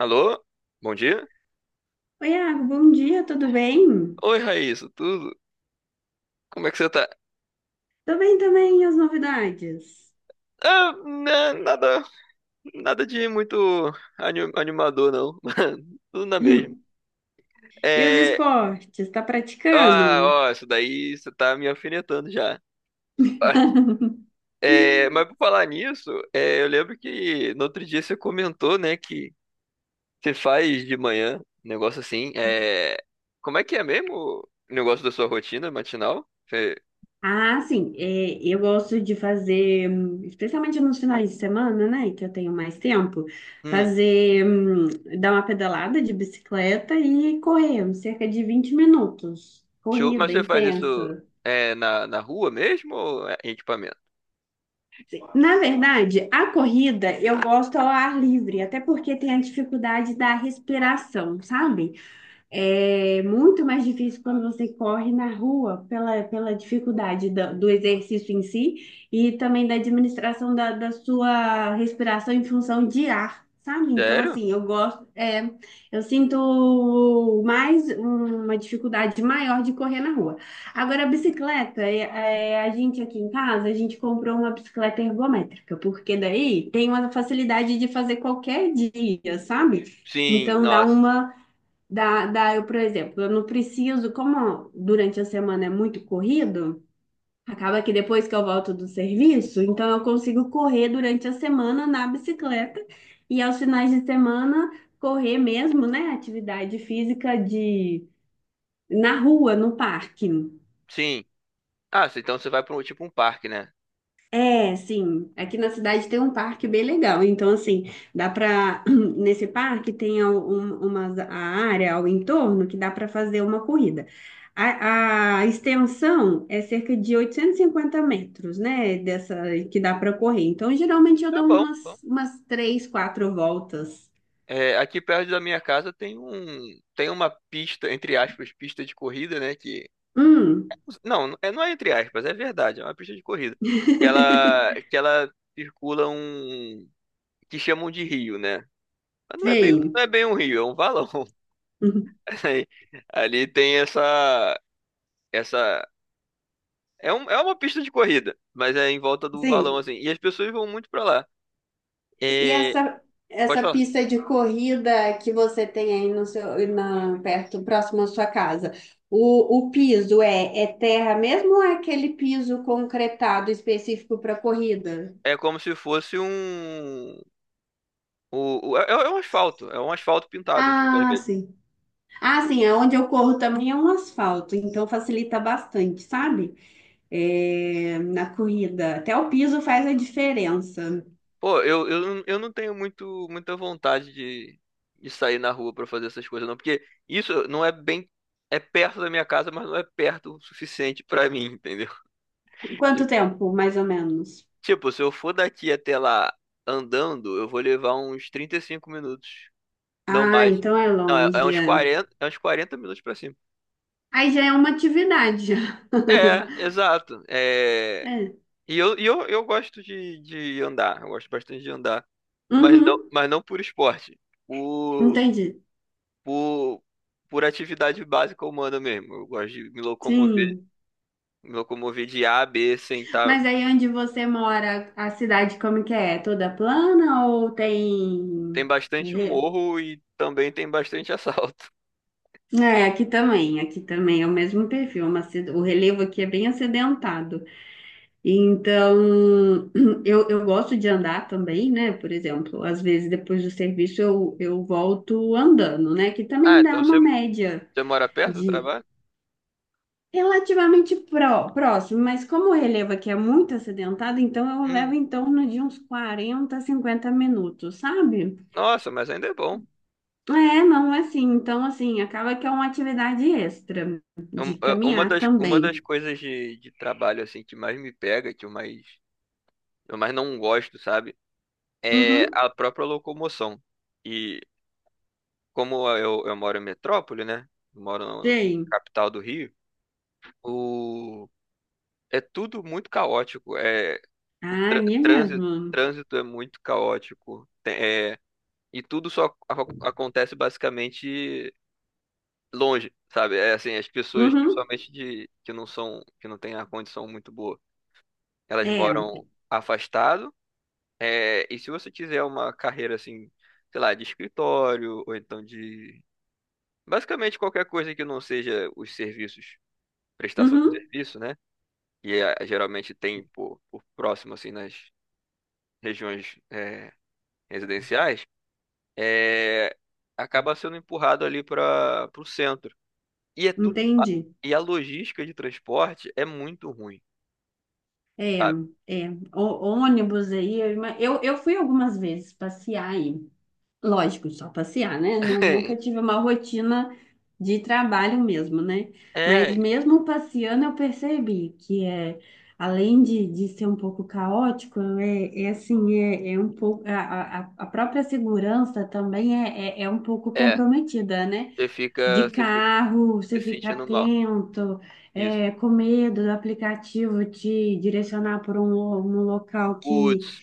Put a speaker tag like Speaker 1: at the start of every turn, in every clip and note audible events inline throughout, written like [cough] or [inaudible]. Speaker 1: Alô? Bom dia?
Speaker 2: Oi, Iago, bom dia, tudo bem?
Speaker 1: Oi, Raíssa, tudo? Como é que você tá?
Speaker 2: Tô bem também, e as novidades?
Speaker 1: Ah, né, nada de muito animador, não. [laughs] Tudo na mesma.
Speaker 2: [laughs] E os
Speaker 1: É,
Speaker 2: esportes, tá
Speaker 1: ó,
Speaker 2: praticando?
Speaker 1: ó, isso daí você tá me alfinetando já. [laughs]
Speaker 2: [laughs]
Speaker 1: É, mas por falar nisso, é, eu lembro que no outro dia você comentou, né, que você faz de manhã, um negócio assim. É, como é que é mesmo o negócio da sua rotina matinal?
Speaker 2: Ah, sim, eu gosto de fazer, especialmente nos finais de semana, né, que eu tenho mais tempo,
Speaker 1: Hum,
Speaker 2: fazer, dar uma pedalada de bicicleta e correr, cerca de 20 minutos.
Speaker 1: Show. Mas
Speaker 2: Corrida
Speaker 1: você faz isso
Speaker 2: intensa.
Speaker 1: é, na rua mesmo ou é em equipamento?
Speaker 2: Na verdade, a corrida eu gosto ao ar livre, até porque tem a dificuldade da respiração, sabe? É muito mais difícil quando você corre na rua pela dificuldade do exercício em si e também da administração da sua respiração em função de ar, sabe? Então,
Speaker 1: Sério?
Speaker 2: assim, eu gosto, eu sinto mais uma dificuldade maior de correr na rua. Agora, a bicicleta, a gente aqui em casa, a gente comprou uma bicicleta ergométrica, porque daí tem uma facilidade de fazer qualquer dia, sabe?
Speaker 1: Sim,
Speaker 2: Então,
Speaker 1: nossa.
Speaker 2: eu, por exemplo, eu não preciso, como durante a semana é muito corrido, acaba que depois que eu volto do serviço, então eu consigo correr durante a semana na bicicleta e aos finais de semana correr mesmo, né? Atividade física de na rua, no parque.
Speaker 1: Sim. Ah, então você vai para um tipo um parque, né?
Speaker 2: É, sim. Aqui na cidade tem um parque bem legal. Então, assim, dá para [clears throat] nesse parque tem a- um- uma a área ao entorno que dá para fazer uma corrida. A extensão é cerca de 850 metros, né? Dessa que dá para correr. Então, geralmente eu
Speaker 1: É
Speaker 2: dou
Speaker 1: bom, bom.
Speaker 2: umas três, quatro voltas.
Speaker 1: É, aqui perto da minha casa tem uma pista, entre aspas, pista de corrida, né? Que
Speaker 2: Hum,
Speaker 1: não, é, não é entre aspas, é verdade, é uma pista de corrida. Que ela circula um que chamam de rio, né? Mas
Speaker 2: sim,
Speaker 1: não é bem um rio, é um valão.
Speaker 2: [laughs]
Speaker 1: [laughs] Aí, ali tem essa É uma pista de corrida, mas é em volta do valão,
Speaker 2: sim.
Speaker 1: assim. E as pessoas vão muito pra lá.
Speaker 2: E
Speaker 1: É,
Speaker 2: essa,
Speaker 1: pode
Speaker 2: essa
Speaker 1: falar.
Speaker 2: pista de corrida que você tem aí no seu, na, perto, próximo à sua casa, o piso é terra mesmo ou é aquele piso concretado específico para corrida?
Speaker 1: É como se fosse um. É um asfalto. É um asfalto pintado de
Speaker 2: Ah,
Speaker 1: vermelho.
Speaker 2: sim. Ah, sim, aonde eu corro também é um asfalto, então facilita bastante, sabe? É, na corrida. Até o piso faz a diferença.
Speaker 1: Pô, eu não tenho muita vontade de, sair na rua pra fazer essas coisas, não. Porque isso não é bem. É perto da minha casa, mas não é perto o suficiente pra mim, entendeu? [laughs]
Speaker 2: Quanto
Speaker 1: Tipo,
Speaker 2: tempo, mais ou menos?
Speaker 1: tipo, se eu for daqui até lá andando, eu vou levar uns 35 minutos. Não
Speaker 2: Ah,
Speaker 1: mais.
Speaker 2: então é
Speaker 1: Não, é
Speaker 2: longe.
Speaker 1: uns
Speaker 2: É.
Speaker 1: 40 minutos pra cima.
Speaker 2: Aí já é uma atividade, já.
Speaker 1: É, exato.
Speaker 2: [laughs]
Speaker 1: É,
Speaker 2: É.
Speaker 1: eu gosto de, andar, eu gosto bastante de andar, mas não,
Speaker 2: Uhum,
Speaker 1: por esporte, por,
Speaker 2: entendi.
Speaker 1: por, por atividade básica humana mesmo. Eu gosto de me locomover,
Speaker 2: Sim.
Speaker 1: de A a B sem estar.
Speaker 2: Mas aí onde você mora, a cidade como que é? É toda plana ou
Speaker 1: Tem
Speaker 2: tem...
Speaker 1: bastante
Speaker 2: re-
Speaker 1: morro e também tem bastante [laughs] assalto.
Speaker 2: É, aqui também é o mesmo perfil, o relevo aqui é bem acidentado. Então, [clears throat] eu gosto de andar também, né? Por exemplo, às vezes depois do serviço eu volto andando, né? Que
Speaker 1: Ah,
Speaker 2: também dá
Speaker 1: então
Speaker 2: uma média.
Speaker 1: você mora perto do trabalho?
Speaker 2: Relativamente próximo, mas como o relevo aqui é muito acidentado, então eu
Speaker 1: Hum,
Speaker 2: levo em torno de uns 40, 50 minutos, sabe?
Speaker 1: nossa, mas ainda é bom.
Speaker 2: É, não é assim. Então, assim, acaba que é uma atividade extra
Speaker 1: Um-
Speaker 2: de
Speaker 1: é, Uma
Speaker 2: caminhar
Speaker 1: das, uma das
Speaker 2: também.
Speaker 1: coisas de, trabalho assim que mais me pega, que eu mais não gosto, sabe? É
Speaker 2: Uhum,
Speaker 1: a própria locomoção. E como eu moro em metrópole, né? Eu moro na
Speaker 2: sei.
Speaker 1: capital do Rio, o, é tudo muito caótico. É, o
Speaker 2: Ah,
Speaker 1: trâ-
Speaker 2: é
Speaker 1: trânsito,
Speaker 2: mesmo.
Speaker 1: trânsito é muito caótico. É, e tudo só acontece basicamente longe, sabe? É assim, as pessoas,
Speaker 2: Uhum,
Speaker 1: principalmente que que não têm a condição muito boa. Elas
Speaker 2: é.
Speaker 1: moram afastado. É, e se você quiser uma carreira assim, sei lá, de escritório ou então de basicamente qualquer coisa que não seja os serviços, prestação de
Speaker 2: Uhum,
Speaker 1: serviço, né? E é, geralmente tem por próximo assim nas regiões é, residenciais, é, acaba sendo empurrado ali para o centro. E é tudo
Speaker 2: entendi.
Speaker 1: E a logística de transporte é muito ruim,
Speaker 2: É,
Speaker 1: sabe?
Speaker 2: é. O, ônibus aí, eu, ima- eu fui algumas vezes passear aí. Lógico, só passear, né? Nunca
Speaker 1: [laughs]
Speaker 2: tive uma rotina de trabalho mesmo, né? Mas
Speaker 1: É,
Speaker 2: mesmo passeando, eu percebi que é, além de ser um pouco caótico, é um pouco a própria segurança também é um pouco
Speaker 1: é,
Speaker 2: comprometida, né? De
Speaker 1: você fica
Speaker 2: carro, você
Speaker 1: se
Speaker 2: fica
Speaker 1: sentindo mal.
Speaker 2: atento,
Speaker 1: Isso.
Speaker 2: é, com medo do aplicativo te direcionar por um local
Speaker 1: Woods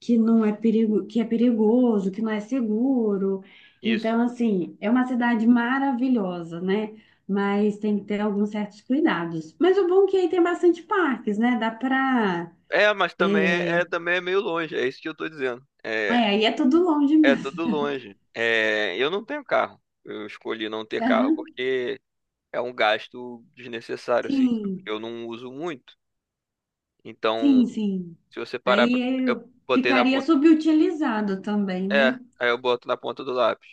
Speaker 2: que não é perigo, que é perigoso, que não é seguro.
Speaker 1: isso.
Speaker 2: Então, assim, é uma cidade maravilhosa, né? Mas tem que ter alguns certos cuidados. Mas o bom é que aí tem bastante parques, né? Dá pra.
Speaker 1: É, mas também é,
Speaker 2: É,
Speaker 1: também é meio longe, é isso que eu tô dizendo. É,
Speaker 2: aí é tudo longe
Speaker 1: é
Speaker 2: mesmo.
Speaker 1: tudo longe. É, eu não tenho carro. Eu escolhi não ter
Speaker 2: [laughs]
Speaker 1: carro
Speaker 2: Aham.
Speaker 1: porque é um gasto desnecessário, assim, sabe?
Speaker 2: Sim,
Speaker 1: Eu não uso muito. Então,
Speaker 2: sim, sim.
Speaker 1: se você parar,
Speaker 2: Aí
Speaker 1: eu
Speaker 2: eu
Speaker 1: botei na
Speaker 2: ficaria
Speaker 1: ponta.
Speaker 2: subutilizado também,
Speaker 1: É,
Speaker 2: né?
Speaker 1: aí eu boto na ponta do lápis.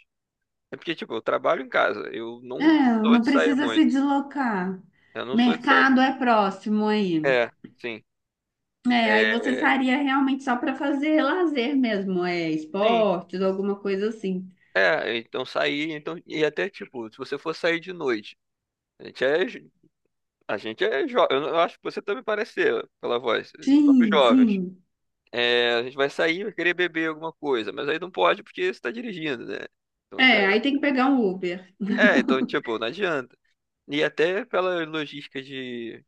Speaker 1: É porque, tipo, eu trabalho em casa. Eu
Speaker 2: É,
Speaker 1: não sou
Speaker 2: não
Speaker 1: de sair
Speaker 2: precisa se
Speaker 1: muito.
Speaker 2: deslocar.
Speaker 1: Eu não sou de sair
Speaker 2: Mercado
Speaker 1: muito.
Speaker 2: é próximo aí.
Speaker 1: É, sim.
Speaker 2: É, aí você
Speaker 1: É,
Speaker 2: sairia realmente só para fazer lazer mesmo, é,
Speaker 1: sim.
Speaker 2: esportes, alguma coisa assim.
Speaker 1: É, então sair, então, e até tipo, se você for sair de noite. A gente é, jo- a gente é jovem. Eu acho que você também parece ser, pela voz. A gente somos
Speaker 2: Sim,
Speaker 1: jovens.
Speaker 2: sim.
Speaker 1: É, a gente vai sair, vai querer beber alguma coisa, mas aí não pode porque você tá dirigindo, né? Então já
Speaker 2: É, aí tem que pegar um Uber.
Speaker 1: é. Então, tipo, não adianta. E até pela logística de,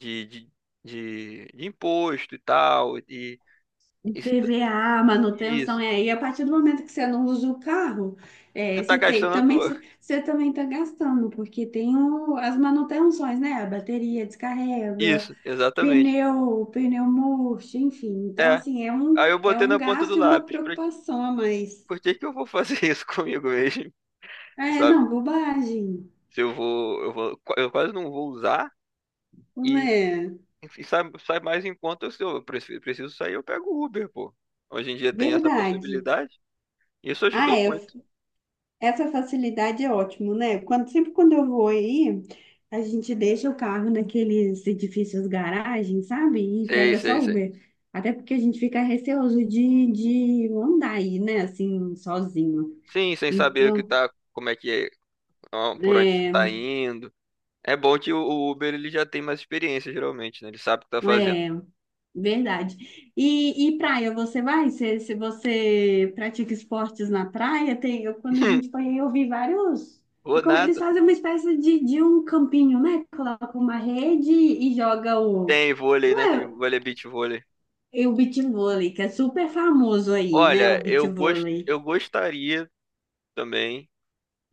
Speaker 1: de, de, de imposto e tal, e,
Speaker 2: Um
Speaker 1: e se-
Speaker 2: PVA, manutenção,
Speaker 1: isso.
Speaker 2: é, e a partir do momento que você não usa o carro,
Speaker 1: Você
Speaker 2: é,
Speaker 1: tá
Speaker 2: você tem,
Speaker 1: gastando à
Speaker 2: também,
Speaker 1: toa.
Speaker 2: você também está gastando, porque tem as manutenções, né? A bateria descarrega,
Speaker 1: Isso, exatamente.
Speaker 2: pneu murcho, enfim. Então,
Speaker 1: É.
Speaker 2: assim,
Speaker 1: Aí eu
Speaker 2: é
Speaker 1: botei
Speaker 2: um
Speaker 1: na ponta do
Speaker 2: gasto e uma
Speaker 1: lápis.
Speaker 2: preocupação a mais.
Speaker 1: Por que que eu vou fazer [laughs] isso comigo mesmo?
Speaker 2: É,
Speaker 1: Sabe?
Speaker 2: não, bobagem,
Speaker 1: Se eu vou, eu quase não vou usar.
Speaker 2: não
Speaker 1: E,
Speaker 2: é?
Speaker 1: e sai mais em conta. Se eu preciso, sair, eu pego o Uber, pô. Hoje em dia tem essa
Speaker 2: Verdade.
Speaker 1: possibilidade. Isso
Speaker 2: Ah,
Speaker 1: ajudou
Speaker 2: é.
Speaker 1: muito.
Speaker 2: Essa facilidade é ótimo, né? Quando, sempre quando eu vou aí, a gente deixa o carro naqueles edifícios garagem, sabe? E
Speaker 1: Sei,
Speaker 2: pega só
Speaker 1: sei, sei.
Speaker 2: Uber. Até porque a gente fica receoso de andar aí, né? Assim, sozinho.
Speaker 1: Sim, sem saber o que
Speaker 2: Então,
Speaker 1: tá, como é que é, ó, por onde você tá
Speaker 2: é,
Speaker 1: indo. É bom que o Uber ele já tem mais experiência, geralmente, né? Ele sabe o que tá fazendo.
Speaker 2: é. Verdade. E praia, você vai? Se você pratica esportes na praia, tem, eu, quando a gente
Speaker 1: [laughs]
Speaker 2: foi aí, eu vi vários.
Speaker 1: Vou
Speaker 2: Eu como, eles
Speaker 1: nada.
Speaker 2: fazem uma espécie de um campinho, né? Coloca uma rede e joga o.
Speaker 1: Tem vôlei,
Speaker 2: Não
Speaker 1: né? Tem
Speaker 2: é,
Speaker 1: vôlei, beach vôlei.
Speaker 2: é o beach vôlei, que é super famoso aí, né? O
Speaker 1: Olha,
Speaker 2: beach vôlei.
Speaker 1: eu gostaria também.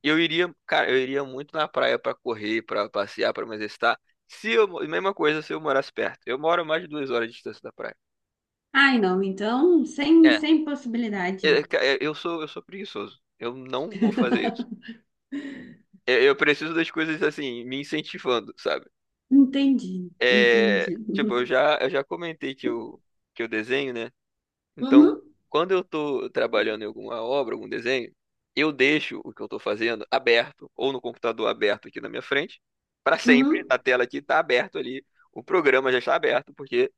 Speaker 1: E cara, eu iria muito na praia pra correr, pra passear, pra me exercitar. Se eu, mo- Mesma coisa se eu morasse perto. Eu moro a mais de 2 horas de distância da praia.
Speaker 2: Ai, não, então, sem,
Speaker 1: É,
Speaker 2: sem possibilidade.
Speaker 1: eu sou, preguiçoso. Eu não vou fazer isso. É, eu preciso das coisas assim, me incentivando, sabe?
Speaker 2: Entendi,
Speaker 1: É,
Speaker 2: entendi.
Speaker 1: tipo, eu já comentei que que eu desenho, né? Então,
Speaker 2: Uhum,
Speaker 1: quando eu estou trabalhando em alguma obra, algum desenho, eu deixo o que eu estou fazendo aberto, ou no computador aberto aqui na minha frente, para sempre.
Speaker 2: uhum,
Speaker 1: A tela aqui está aberta ali, o programa já está aberto, porque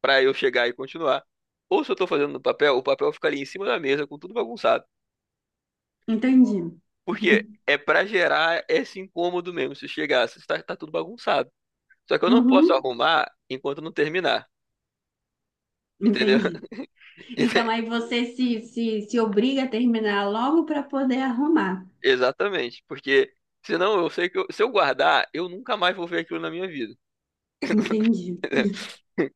Speaker 1: para eu chegar e continuar. Ou se eu estou fazendo no papel, o papel fica ali em cima da mesa com tudo bagunçado.
Speaker 2: entendi.
Speaker 1: Porque é para gerar esse incômodo mesmo. Se chegasse, tá tudo bagunçado. Só que eu não posso
Speaker 2: Uhum,
Speaker 1: arrumar enquanto não terminar, entendeu?
Speaker 2: entendi. Então aí
Speaker 1: [laughs]
Speaker 2: você se obriga a terminar logo para poder arrumar.
Speaker 1: Exatamente, porque senão eu sei que se eu guardar, eu nunca mais vou ver aquilo na minha vida.
Speaker 2: Entendi.
Speaker 1: [laughs]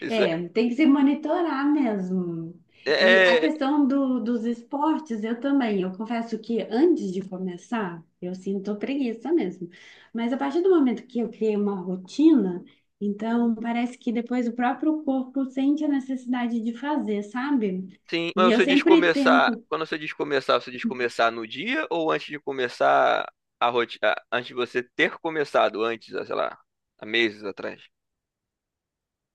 Speaker 1: Isso
Speaker 2: É, tem que se monitorar mesmo. E a
Speaker 1: é, é-
Speaker 2: questão do, dos esportes, eu também. Eu confesso que antes de começar, eu sinto preguiça mesmo. Mas a partir do momento que eu criei uma rotina, então parece que depois o próprio corpo sente a necessidade de fazer, sabe?
Speaker 1: sim,
Speaker 2: E
Speaker 1: mas
Speaker 2: eu
Speaker 1: você diz
Speaker 2: sempre
Speaker 1: começar,
Speaker 2: tento.
Speaker 1: quando você diz começar no dia ou antes de começar a rotina, antes de você ter começado, antes, ah, sei lá, há meses atrás?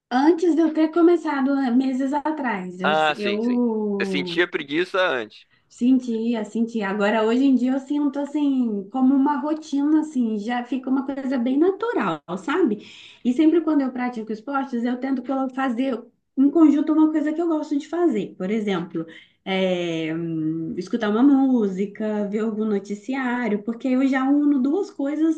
Speaker 2: Antes de eu ter começado, né, meses atrás,
Speaker 1: Ah, sim, sim. Você
Speaker 2: eu
Speaker 1: sentia preguiça antes.
Speaker 2: sentia, sentia. Agora, hoje em dia, eu sinto assim, como uma rotina, assim, já fica uma coisa bem natural, sabe? E sempre quando eu pratico esportes, eu tento fazer em conjunto uma coisa que eu gosto de fazer. Por exemplo, é, escutar uma música, ver algum noticiário, porque eu já uno duas coisas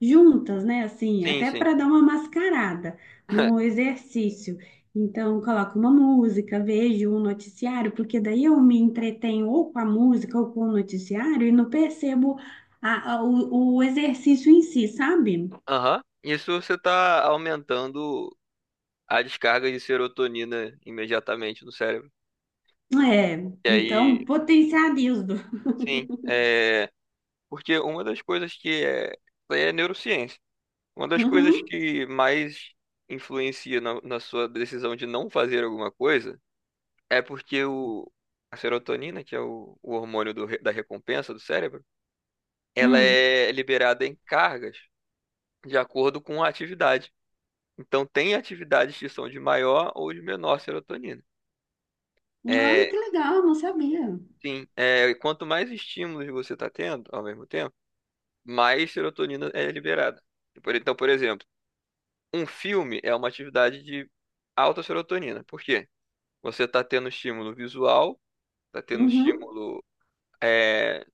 Speaker 2: juntas, né? Assim,
Speaker 1: Sim,
Speaker 2: até
Speaker 1: sim.
Speaker 2: para dar uma mascarada no
Speaker 1: [laughs]
Speaker 2: exercício. Então, coloco uma música, vejo um noticiário, porque daí eu me entretenho ou com a música ou com o noticiário e não percebo o exercício em si, sabe?
Speaker 1: Aham. Isso você está aumentando a descarga de serotonina imediatamente no cérebro.
Speaker 2: É,
Speaker 1: E aí,
Speaker 2: então, potencializo.
Speaker 1: sim, é, porque uma das coisas que é, é neurociência. Uma das coisas
Speaker 2: Uhum,
Speaker 1: que mais influencia na sua decisão de não fazer alguma coisa é porque a serotonina, que é o hormônio do da recompensa do cérebro, ela
Speaker 2: hum.
Speaker 1: é liberada em cargas de acordo com a atividade. Então, tem atividades que são de maior ou de menor serotonina.
Speaker 2: Ai,
Speaker 1: É,
Speaker 2: que legal, não sabia.
Speaker 1: sim, é, quanto mais estímulos você está tendo ao mesmo tempo, mais serotonina é liberada. Então, por exemplo, um filme é uma atividade de alta serotonina. Por quê? Você está tendo estímulo visual, está tendo
Speaker 2: Uhum,
Speaker 1: estímulo. É,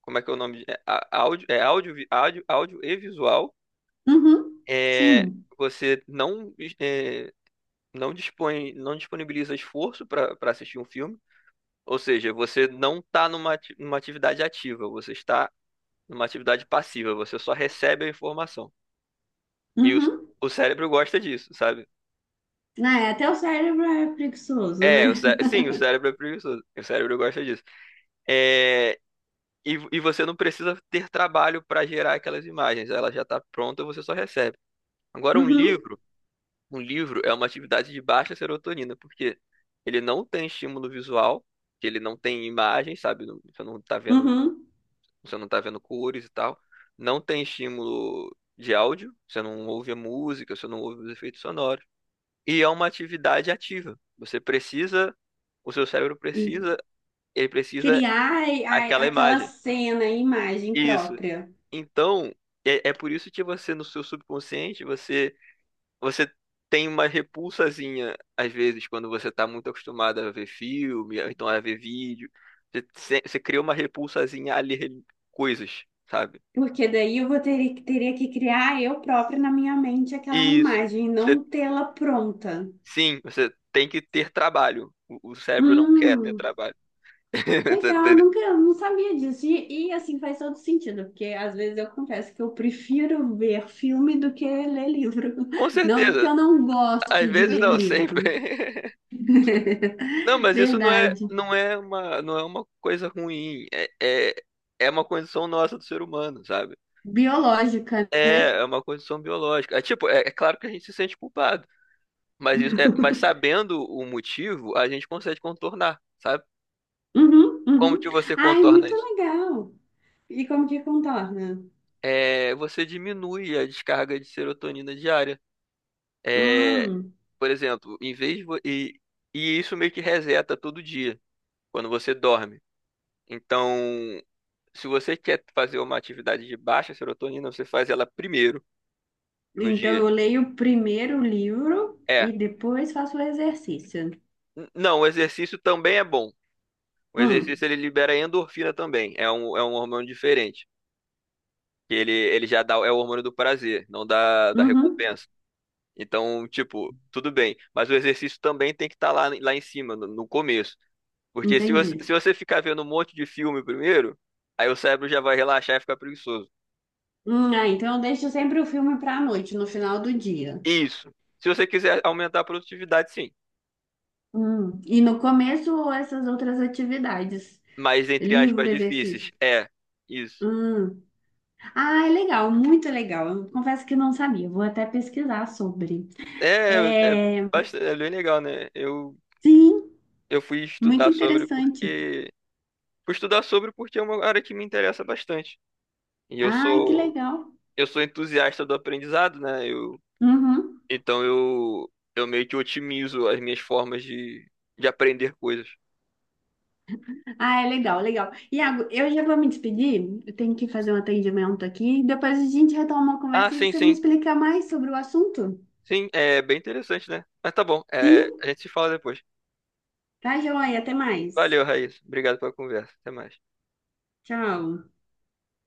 Speaker 1: como é que é o nome? É, áudio, áudio e visual.
Speaker 2: uhum,
Speaker 1: É,
Speaker 2: sim.
Speaker 1: você não, é, não dispõe, não disponibiliza esforço para assistir um filme. Ou seja, você não está numa atividade ativa, você está numa atividade passiva, você só recebe a informação. E
Speaker 2: Uhum.
Speaker 1: o cérebro gosta disso, sabe?
Speaker 2: Ah, é, até o cérebro é preguiçoso,
Speaker 1: É,
Speaker 2: né?
Speaker 1: sim, o cérebro é preguiçoso. O cérebro gosta disso. É, e você não precisa ter trabalho para gerar aquelas imagens. Ela já está pronta, você só recebe. Agora, um
Speaker 2: Uhum,
Speaker 1: livro, é uma atividade de baixa serotonina, porque ele não tem estímulo visual, que ele não tem imagem, sabe? Você não está vendo,
Speaker 2: uhum.
Speaker 1: você não tá vendo cores e tal. Não tem estímulo de áudio, você não ouve a música, você não ouve os efeitos sonoros. E é uma atividade ativa. Você precisa o seu cérebro
Speaker 2: E
Speaker 1: precisa Ele precisa
Speaker 2: criar
Speaker 1: aquela
Speaker 2: aquela
Speaker 1: imagem.
Speaker 2: cena, a imagem
Speaker 1: Isso.
Speaker 2: própria.
Speaker 1: Então, é por isso que você, no seu subconsciente, você, você tem uma repulsazinha, às vezes, quando você está muito acostumado a ver filme, ou então a ver vídeo. Você, se- Você cria uma repulsazinha a ler coisas, sabe?
Speaker 2: Porque daí eu vou ter, teria que criar eu própria na minha mente aquela
Speaker 1: Isso.
Speaker 2: imagem,
Speaker 1: Você-
Speaker 2: não tê-la pronta.
Speaker 1: sim, você tem que ter trabalho. O cérebro não quer ter
Speaker 2: Hum,
Speaker 1: trabalho. [laughs] Você
Speaker 2: legal,
Speaker 1: entendeu?
Speaker 2: nunca, não sabia disso. E, assim faz todo sentido, porque às vezes eu confesso que eu prefiro ver filme do que ler livro.
Speaker 1: Com
Speaker 2: [laughs] Não é que
Speaker 1: certeza.
Speaker 2: eu não
Speaker 1: Às
Speaker 2: gosto de
Speaker 1: vezes
Speaker 2: ler
Speaker 1: não,
Speaker 2: livro.
Speaker 1: sempre. [laughs] Não,
Speaker 2: [laughs]
Speaker 1: mas isso não é,
Speaker 2: Verdade.
Speaker 1: não é uma, não é uma coisa ruim. É, é uma condição nossa do ser humano, sabe?
Speaker 2: Biológica, né?
Speaker 1: É uma condição biológica. É tipo, é claro que a gente se sente culpado, mas mas sabendo o motivo, a gente consegue contornar, sabe?
Speaker 2: Uhum,
Speaker 1: Como
Speaker 2: uhum.
Speaker 1: que você
Speaker 2: Ai,
Speaker 1: contorna
Speaker 2: muito
Speaker 1: isso?
Speaker 2: legal. E como que contorna?
Speaker 1: É, você diminui a descarga de serotonina diária. É,
Speaker 2: Hum.
Speaker 1: por exemplo, e isso meio que reseta todo dia quando você dorme. Então, se você quer fazer uma atividade de baixa serotonina, você faz ela primeiro no
Speaker 2: Então,
Speaker 1: dia.
Speaker 2: eu leio o primeiro livro
Speaker 1: É.
Speaker 2: e depois faço o exercício.
Speaker 1: Não, o exercício também é bom. O
Speaker 2: Hum,
Speaker 1: exercício ele libera endorfina também. É um hormônio diferente. Que ele já dá, é o hormônio do prazer, não da
Speaker 2: uhum,
Speaker 1: recompensa. Então, tipo, tudo bem. Mas o exercício também tem que estar lá, em cima, no começo. Porque se você,
Speaker 2: entendi.
Speaker 1: ficar vendo um monte de filme primeiro, aí o cérebro já vai relaxar e ficar preguiçoso.
Speaker 2: Ah, então eu deixo sempre o filme para a noite, no final do dia.
Speaker 1: Isso. Se você quiser aumentar a produtividade, sim.
Speaker 2: E no começo, essas outras atividades.
Speaker 1: Mais, entre
Speaker 2: Livro,
Speaker 1: aspas,
Speaker 2: exercício.
Speaker 1: difíceis. É, isso.
Speaker 2: Hum. Ah, é legal, muito legal. Eu confesso que não sabia, vou até pesquisar sobre.
Speaker 1: É, é,
Speaker 2: É,
Speaker 1: bastante, é bem legal, né?
Speaker 2: sim,
Speaker 1: Eu fui
Speaker 2: muito
Speaker 1: estudar sobre
Speaker 2: interessante.
Speaker 1: porque. Fui estudar sobre porque é uma área que me interessa bastante. E eu
Speaker 2: Ai, que
Speaker 1: sou,
Speaker 2: legal.
Speaker 1: entusiasta do aprendizado, né? Eu,
Speaker 2: Uhum.
Speaker 1: então eu, eu meio que otimizo as minhas formas de, aprender coisas.
Speaker 2: Ah, é legal, legal. Iago, eu já vou me despedir. Eu tenho que fazer um atendimento aqui. Depois a gente retoma a
Speaker 1: Ah,
Speaker 2: conversa e
Speaker 1: sim,
Speaker 2: você me
Speaker 1: sim.
Speaker 2: explica mais sobre o assunto.
Speaker 1: Sim, é bem interessante, né? Mas tá bom, é,
Speaker 2: Sim?
Speaker 1: a gente se fala depois.
Speaker 2: Tá, joia. Até mais.
Speaker 1: Valeu, Raíssa. Obrigado pela conversa. Até mais.
Speaker 2: Tchau.